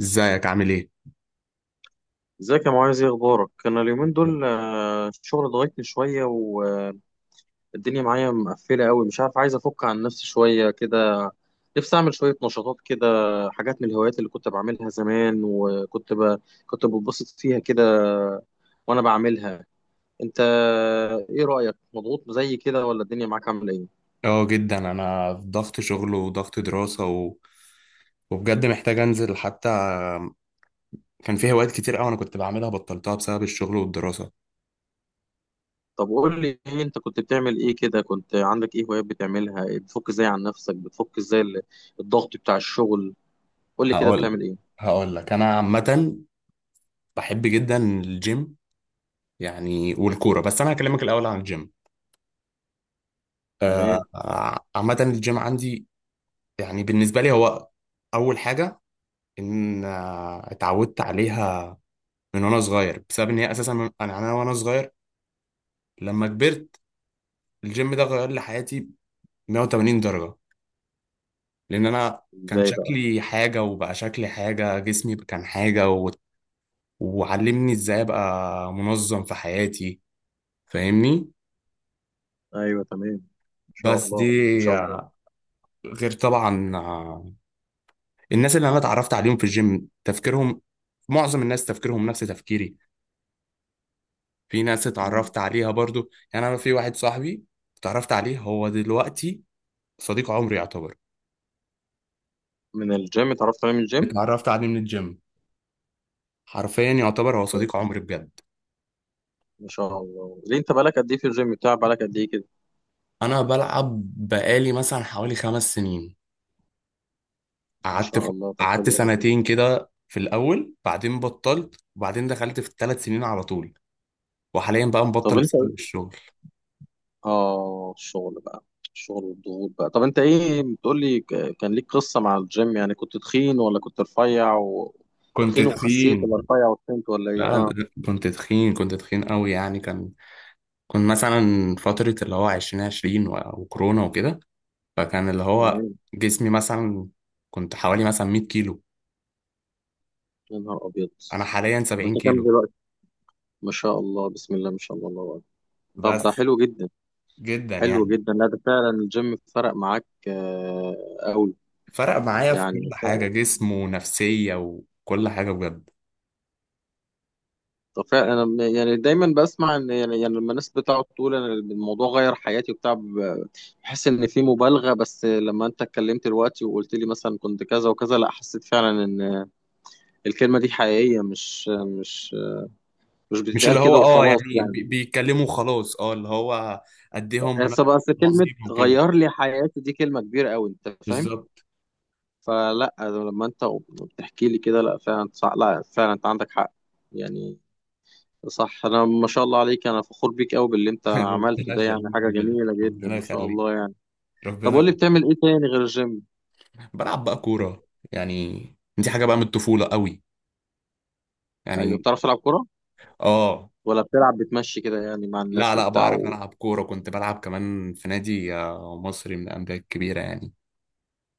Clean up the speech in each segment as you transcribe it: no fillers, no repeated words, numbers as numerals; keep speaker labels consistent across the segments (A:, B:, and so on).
A: ازيك عامل ايه؟
B: ازيك يا معاذ، ايه اخبارك؟ انا اليومين دول الشغل ضغطني شويه، والدنيا معايا مقفله قوي، مش عارف، عايز افك عن نفسي شويه كده. نفسي اعمل شويه نشاطات كده، حاجات من الهوايات اللي كنت بعملها زمان وكنت كنت بتبسط فيها كده وانا بعملها. انت ايه رايك؟ مضغوط زي كده ولا الدنيا معاك عامله ايه؟
A: اه جدا انا في ضغط شغل وضغط دراسة و... وبجد محتاج انزل حتى. كان في هوايات كتير قوي انا كنت بعملها بطلتها بسبب الشغل والدراسة.
B: طب قول لي إيه انت كنت بتعمل. ايه كده، كنت عندك ايه هوايات بتعملها؟ بتفك ازاي عن نفسك؟ بتفك ازاي الضغط بتاع الشغل؟ قول لي كده
A: هقول
B: بتعمل ايه.
A: هقول لك انا عامة بحب جدا الجيم، يعني والكورة، بس انا هكلمك الاول عن الجيم. آه،
B: تمام.
A: عامة الجيم عندي يعني بالنسبة لي هو اول حاجة ان اتعودت عليها من وانا صغير بسبب ان هي اساسا من انا وانا صغير. لما كبرت الجيم ده غير لي حياتي 180 درجة، لأن أنا كان
B: ازاي بقى؟
A: شكلي حاجة وبقى شكلي حاجة، جسمي كان حاجة، و... وعلمني إزاي أبقى منظم في حياتي، فاهمني؟
B: ايوه تمام، ان شاء
A: بس دي
B: الله، ما شاء الله.
A: غير طبعا، الناس اللي أنا اتعرفت عليهم في الجيم تفكيرهم، معظم الناس تفكيرهم نفس تفكيري. في ناس
B: مم.
A: اتعرفت عليها برضو، يعني أنا في واحد صاحبي اتعرفت عليه هو دلوقتي صديق عمري يعتبر،
B: من الجيم اتعرفت عليه؟ من الجيم.
A: اتعرفت عليه من الجيم، حرفيا يعتبر
B: طب
A: هو
B: كويس.
A: صديق عمري بجد.
B: ما شاء الله، ليه؟ انت بقالك قد ايه في الجيم بتاع؟ بقالك قد ايه كده؟
A: انا بلعب بقالي مثلا حوالي خمس سنين،
B: ما
A: قعدت ف...
B: شاء الله، طب
A: قعدت
B: حلو جدا.
A: سنتين كده في الاول بعدين بطلت وبعدين دخلت في الثلاث سنين على طول، وحاليا بقى
B: طب
A: مبطل
B: انت
A: بسبب
B: ايه؟
A: الشغل.
B: اه الشغل بقى، الشغل والضغوط بقى. طب انت ايه بتقول لي؟ كان ليك قصة مع الجيم؟ يعني كنت تخين ولا كنت رفيع كنت
A: كنت
B: تخين وخسيت،
A: تخين.
B: ولا رفيع وتخنت، ولا ايه؟
A: لا
B: اه،
A: ده- كنت تخين، كنت تخين قوي يعني. كان كنت مثلا فترة اللي هو عشرين عشرين و... وكورونا وكده، فكان اللي هو
B: تمام.
A: جسمي مثلا كنت حوالي مثلا 100 كيلو،
B: يا نهار ابيض!
A: انا حاليا
B: طب انت
A: 70
B: كام
A: كيلو
B: دلوقتي؟ ما شاء الله، بسم الله ما شاء الله، الله أكبر. طب ده
A: بس.
B: حلو جدا،
A: جدا
B: حلو
A: يعني،
B: جدا. لا ده فعلا الجيم فرق معاك قوي.
A: فرق معايا في كل
B: يعني
A: حاجة، جسم ونفسية وكل حاجة بجد.
B: فعلا انا، يعني دايما بسمع ان، يعني لما الناس بتقعد تقول انا الموضوع غير حياتي وبتاع، بحس ان في مبالغه. بس لما انت اتكلمت دلوقتي وقلت لي مثلا كنت كذا وكذا، لا، حسيت فعلا ان الكلمه دي حقيقيه، مش
A: مش اللي
B: بتتقال
A: هو
B: كده
A: اه
B: وخلاص
A: يعني
B: يعني.
A: بيتكلموا خلاص اه اللي هو قد ايه هم ناس
B: بس كلمه
A: عظيم وكده،
B: غير لي حياتي دي كلمه كبيره قوي، انت فاهم؟
A: بالظبط.
B: فلا، لما انت بتحكي لي كده، لا فعلا صح، لا فعلا انت عندك حق يعني. صح، انا ما شاء الله عليك، انا فخور بيك قوي باللي انت عملته
A: ربنا
B: ده، يعني
A: يخليك
B: حاجه
A: بجد،
B: جميله جدا
A: ربنا
B: ما شاء
A: يخليك،
B: الله يعني. طب
A: ربنا
B: قول لي
A: يخليك.
B: بتعمل ايه تاني غير الجيم؟
A: بلعب بقى كورة يعني، دي حاجة بقى من الطفولة قوي
B: ايوه،
A: يعني.
B: بتعرف تلعب كوره؟
A: اه،
B: ولا بتلعب بتمشي كده يعني مع
A: لا
B: الناس
A: لا
B: وبتاع
A: بعرف ألعب كورة، كنت بلعب كمان في نادي، مصري من الأندية الكبيرة يعني.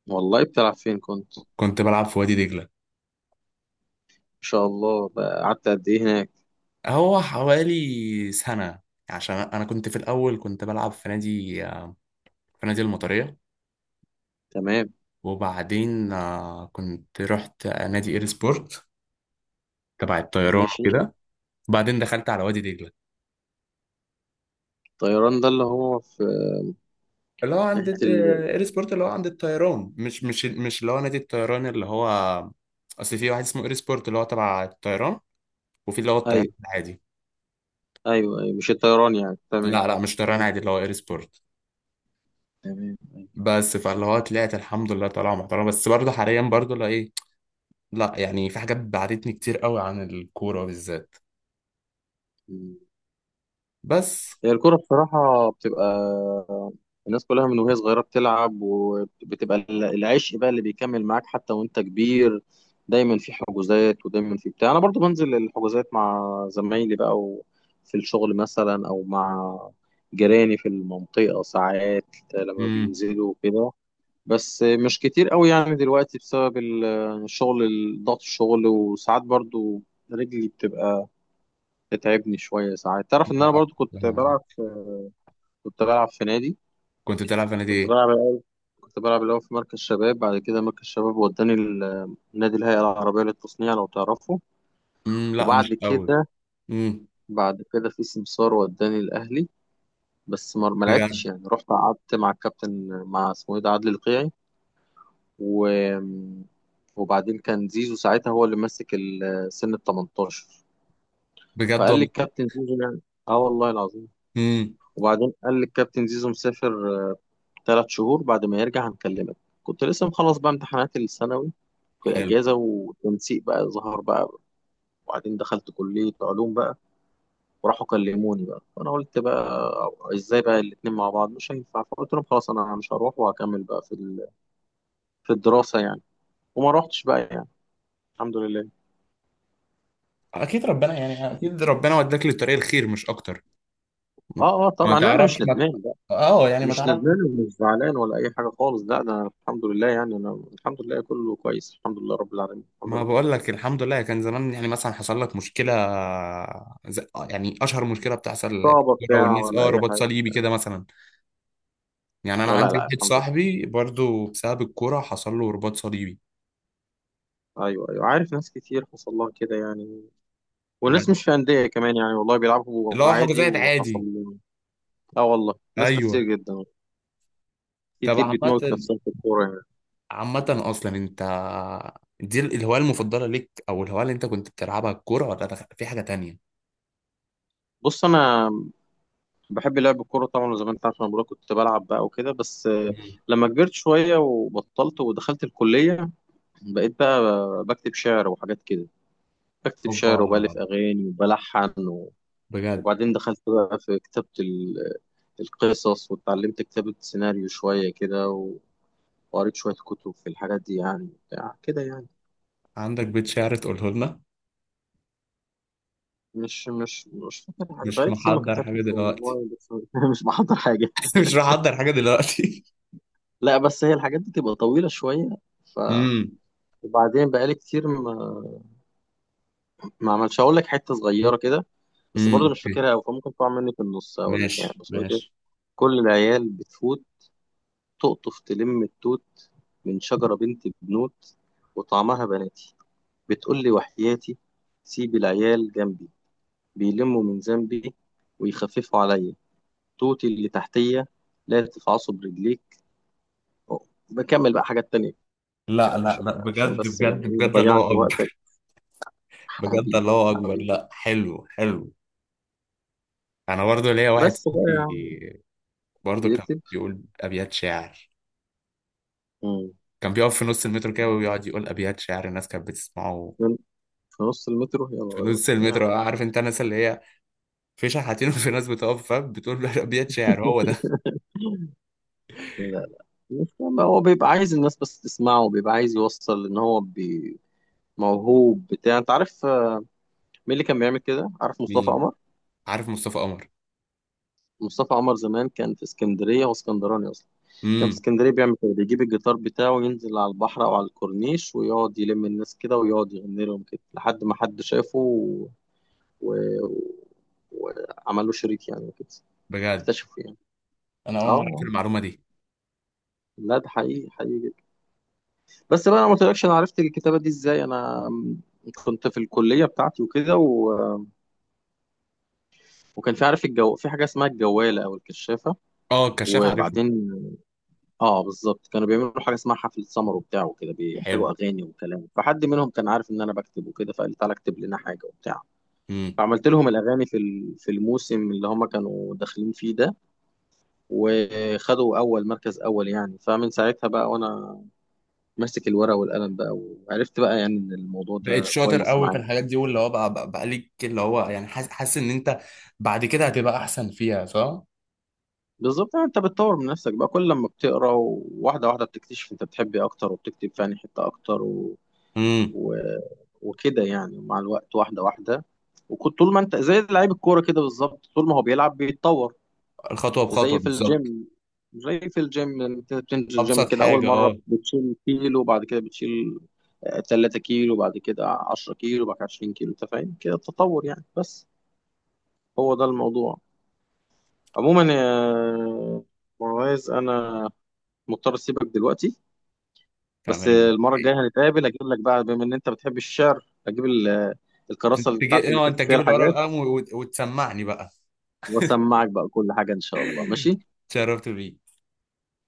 B: والله بتلعب فين كنت؟ ما
A: كنت بلعب في وادي دجلة.
B: شاء الله بقى، قعدت قد ايه هناك؟
A: هو حوالي سنة، عشان أنا كنت في الأول كنت بلعب في نادي، في نادي المطرية،
B: تمام.
A: وبعدين كنت رحت نادي إير سبورت تبع الطيران
B: ماشي.
A: وكده، وبعدين دخلت على وادي دجلة.
B: الطيران ده اللي هو في
A: اللي هو عند،
B: ناحيه
A: إير سبورت اللي هو عند الطيران، مش اللي هو نادي الطيران، اللي هو أصل في واحد اسمه إير سبورت اللي هو تبع الطيران، وفي اللي هو الطيران
B: ايوه،
A: العادي.
B: ايوه ايوه، مش الطيران يعني، تمام.
A: لا لا مش طيران عادي اللي هو إير سبورت.
B: تمام.
A: بس فاللي هو طلعت الحمد لله طالعة محترمة، بس برضه حاليا برضه لا، لا يعني في حاجات بعدتني كتير قوي عن الكورة بالذات.
B: أيوة.
A: بس.
B: هي الكرة بصراحة بتبقى، الناس كلها من وهي صغيرة بتلعب، وبتبقى العشق بقى اللي بيكمل معاك حتى وانت كبير. دايما في حجوزات، ودايما في بتاع. انا برضو بنزل الحجوزات مع زمايلي بقى في الشغل مثلا، او مع جيراني في المنطقة ساعات لما
A: امم،
B: بينزلوا وكده. بس مش كتير قوي يعني دلوقتي بسبب الشغل، ضغط الشغل. وساعات برضو رجلي بتبقى بتتعبني شوية ساعات. تعرف ان انا
A: لا،
B: برضو كنت
A: أتكلم عن
B: بلعب
A: إيه.
B: كنت بلعب في نادي.
A: كنت بتلعب في نادي
B: كنت
A: ايه؟
B: بلعب الأول- كنت بلعب الأول في مركز شباب، بعد كده مركز شباب وداني نادي الهيئة العربية للتصنيع لو تعرفه.
A: امم، لا
B: وبعد
A: مش قوي.
B: كده
A: امم.
B: بعد كده في سمسار وداني الأهلي. بس ما
A: بجد؟
B: لعبتش يعني، رحت قعدت مع الكابتن، مع اسمه ايه ده، عادل القيعي و... وبعدين كان زيزو ساعتها هو اللي ماسك سن ال 18.
A: بجد
B: فقال لي
A: والله.
B: الكابتن زيزو يعني. اه والله العظيم.
A: امم.
B: وبعدين قال لي الكابتن زيزو مسافر 3 شهور، بعد ما يرجع هنكلمك. كنت لسه مخلص بقى امتحانات الثانوي، في
A: حلو.
B: الأجازة. والتنسيق بقى ظهر بقى، وبعدين دخلت كلية علوم بقى، وراحوا كلموني بقى. وأنا قلت بقى إزاي بقى الاتنين مع بعض؟ مش هينفع. فقلت لهم خلاص، أنا مش هروح، وهكمل بقى في في الدراسة يعني. وما روحتش بقى يعني، الحمد لله.
A: اكيد ربنا، يعني اكيد ربنا وداك للطريق الخير، مش اكتر. مم.
B: اه اه
A: ما
B: طبعا، لا، انا
A: تعرفش
B: مش
A: ما،
B: ندمان بقى.
A: اه يعني ما
B: مش
A: تعرف.
B: ندمان ومش زعلان ولا اي حاجه خالص. لا، ده انا الحمد لله يعني، انا الحمد لله كله كويس، الحمد لله رب العالمين، الحمد
A: ما
B: لله.
A: بقول لك الحمد لله. كان زمان يعني مثلا حصل لك مشكلة زي يعني اشهر مشكلة بتحصل في
B: صعبه
A: الكورة
B: بتاع
A: والناس،
B: ولا
A: اه
B: اي
A: رباط
B: حاجه؟
A: صليبي كده مثلا، يعني انا
B: لا
A: عندي
B: لا،
A: واحد
B: الحمد لله.
A: صاحبي برضو بسبب الكوره حصل له رباط صليبي.
B: ايوه ايوه عارف، ناس كتير حصل لها كده يعني، والناس
A: بجد.
B: مش في أندية كمان يعني، والله بيلعبوا
A: اللي هو
B: عادي
A: حجوزات
B: وحصل
A: عادي.
B: لهم. اه والله، ناس كتير
A: ايوه.
B: جدا.
A: طب
B: كتير بتموت
A: عامه،
B: نفسها في الكورة يعني.
A: عامه، اصلا انت دي الهوايه المفضله ليك، او الهوايه اللي انت كنت بتلعبها الكوره، ولا في حاجه تانية؟
B: بص، أنا بحب لعب الكورة طبعا، زي ما أنت عارف. أنا بقولك كنت بلعب بقى وكده، بس
A: مم.
B: لما كبرت شوية وبطلت ودخلت الكلية، بقيت بقى بكتب شعر وحاجات كده. بكتب
A: اوبا،
B: شعر، وبألف أغاني، وبلحن
A: بجد.
B: وبعدين دخلت بقى في كتابة القصص، واتعلمت كتابة سيناريو شوية كده وقريت شوية كتب في الحاجات دي يعني بتاع كده يعني.
A: عندك بيت شعر تقوله لنا؟
B: مش فاكر حاجة،
A: مش
B: بقالي كتير ما
A: محضر حاجه
B: كتبتش
A: دلوقتي؟
B: والله. بس مش بحضر حاجة.
A: مش محضر حاجه دلوقتي
B: لا بس هي الحاجات دي تبقى طويلة شوية. ف
A: امم.
B: وبعدين بقالي كتير ما عملش. هقول لك حتة صغيرة كده، بس
A: امم،
B: برضه مش
A: اوكي،
B: فاكرها أوي فممكن تقع مني في النص. هقول لك يعني،
A: ماشي
B: بس بقول كده.
A: ماشي.
B: كل العيال بتفوت، تقطف تلم التوت، من شجرة بنت بنوت، وطعمها بناتي، بتقول لي وحياتي، سيب العيال جنبي، بيلموا من ذنبي، ويخففوا عليا، توتي اللي تحتية، لا تفعصوا برجليك. بكمل بقى حاجات تانية
A: لا
B: كده،
A: لا
B: عشان
A: لا،
B: عشان
A: بجد
B: بس يعني
A: بجد
B: إيه، ما
A: بجد،
B: ضيعش
A: الله
B: وقتك
A: اكبر. بجد
B: حبيبي.
A: الله اكبر،
B: حبيبي،
A: لا حلو حلو. انا برضو ليا واحد
B: بس بقى
A: صاحبي برضو كان
B: بيكتب.
A: بيقول ابيات شعر،
B: مم.
A: كان بيقف في نص المترو كده ويقعد يقول ابيات شعر الناس كانت بتسمعه.
B: في نص المترو
A: في
B: يلا
A: نص
B: بينا. يعني
A: المترو، عارف انت الناس اللي هي في شحاتين وفي ناس بتقف فاهم بتقول له ابيات شعر، هو ده.
B: لا، مش، ما هو بيبقى عايز الناس بس تسمعه، وبيبقى عايز يوصل ان هو موهوب بتاع، انت عارف مين اللي كان بيعمل كده؟ عارف مصطفى
A: مين؟
B: قمر؟
A: عارف مصطفى قمر.
B: مصطفى عمر زمان كان في اسكندرية، واسكندراني أصلا. كان في
A: امم.
B: اسكندرية بيعمل كده، بيجيب الجيتار بتاعه وينزل على البحر أو على الكورنيش، ويقعد يلم الناس كده، ويقعد يغني لهم كده، لحد ما حد شافه و... و... وعمل له شريك يعني وكده،
A: بجد؟
B: اكتشفه يعني.
A: انا
B: اه
A: اول مره اعرف
B: آه.
A: المعلومه دي.
B: لا ده حقيقي، حقيقي جدا. بس بقى انا ما قلتلكش انا عرفت الكتابه دي ازاي. انا كنت في الكليه بتاعتي وكده وكان في، عارف الجو، في حاجه اسمها الجواله او الكشافه.
A: اه الكشاف، عارفه.
B: وبعدين، اه بالظبط، كانوا بيعملوا حاجه اسمها حفله سمر وبتاع وكده، بيحتاجوا
A: حلو.
B: اغاني وكلام. فحد منهم كان عارف ان انا بكتب وكده، فقال لي تعالى اكتب لنا حاجه وبتاع.
A: امم.
B: فعملت لهم الاغاني في في الموسم اللي هم كانوا داخلين فيه ده، وخدوا اول مركز، اول يعني. فمن ساعتها بقى وانا ماسك الورقه والقلم بقى، وعرفت بقى يعني ان الموضوع
A: بقيت
B: ده
A: شاطر
B: كويس
A: قوي في
B: معايا.
A: الحاجات دي، واللي هو بقى بقى ليك اللي هو يعني حاسس، حاسس ان انت بعد كده هتبقى احسن فيها، صح؟
B: بالظبط، يعني انت بتطور من نفسك بقى. كل لما بتقرا وواحده واحده، بتكتشف انت بتحب ايه اكتر، وبتكتب في انهي حته اكتر و...
A: امم.
B: و... وكده يعني، مع الوقت، واحده واحده. وكنت طول ما انت زي لعيب الكوره كده بالظبط، طول ما هو بيلعب بيتطور.
A: الخطوه
B: زي
A: بخطوه،
B: في
A: بالظبط.
B: الجيم، زي في الجيم انت بتنزل الجيم
A: ابسط
B: كده، اول
A: حاجه،
B: مره
A: اه.
B: بتشيل كيلو، وبعد كده بتشيل 3 كيلو، وبعد كده 10 كيلو، وبعد كده 20 كيلو. انت فاهم كده التطور يعني. بس هو ده الموضوع. عموما يا معاذ، انا مضطر اسيبك دلوقتي. بس
A: تمام.
B: المره الجايه هنتقابل، اجيب لك بقى، بما ان انت بتحب الشعر، اجيب الكراسه اللي بتاعتي
A: تجي
B: اللي
A: اه
B: كاتب
A: انت
B: فيها
A: تجيب الورقه
B: الحاجات،
A: والقلم وتسمعني بقى.
B: واسمعك بقى كل حاجه ان شاء الله. ماشي.
A: شرفت بيك.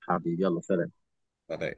B: حبيبي، يلا سلام.
A: سلام.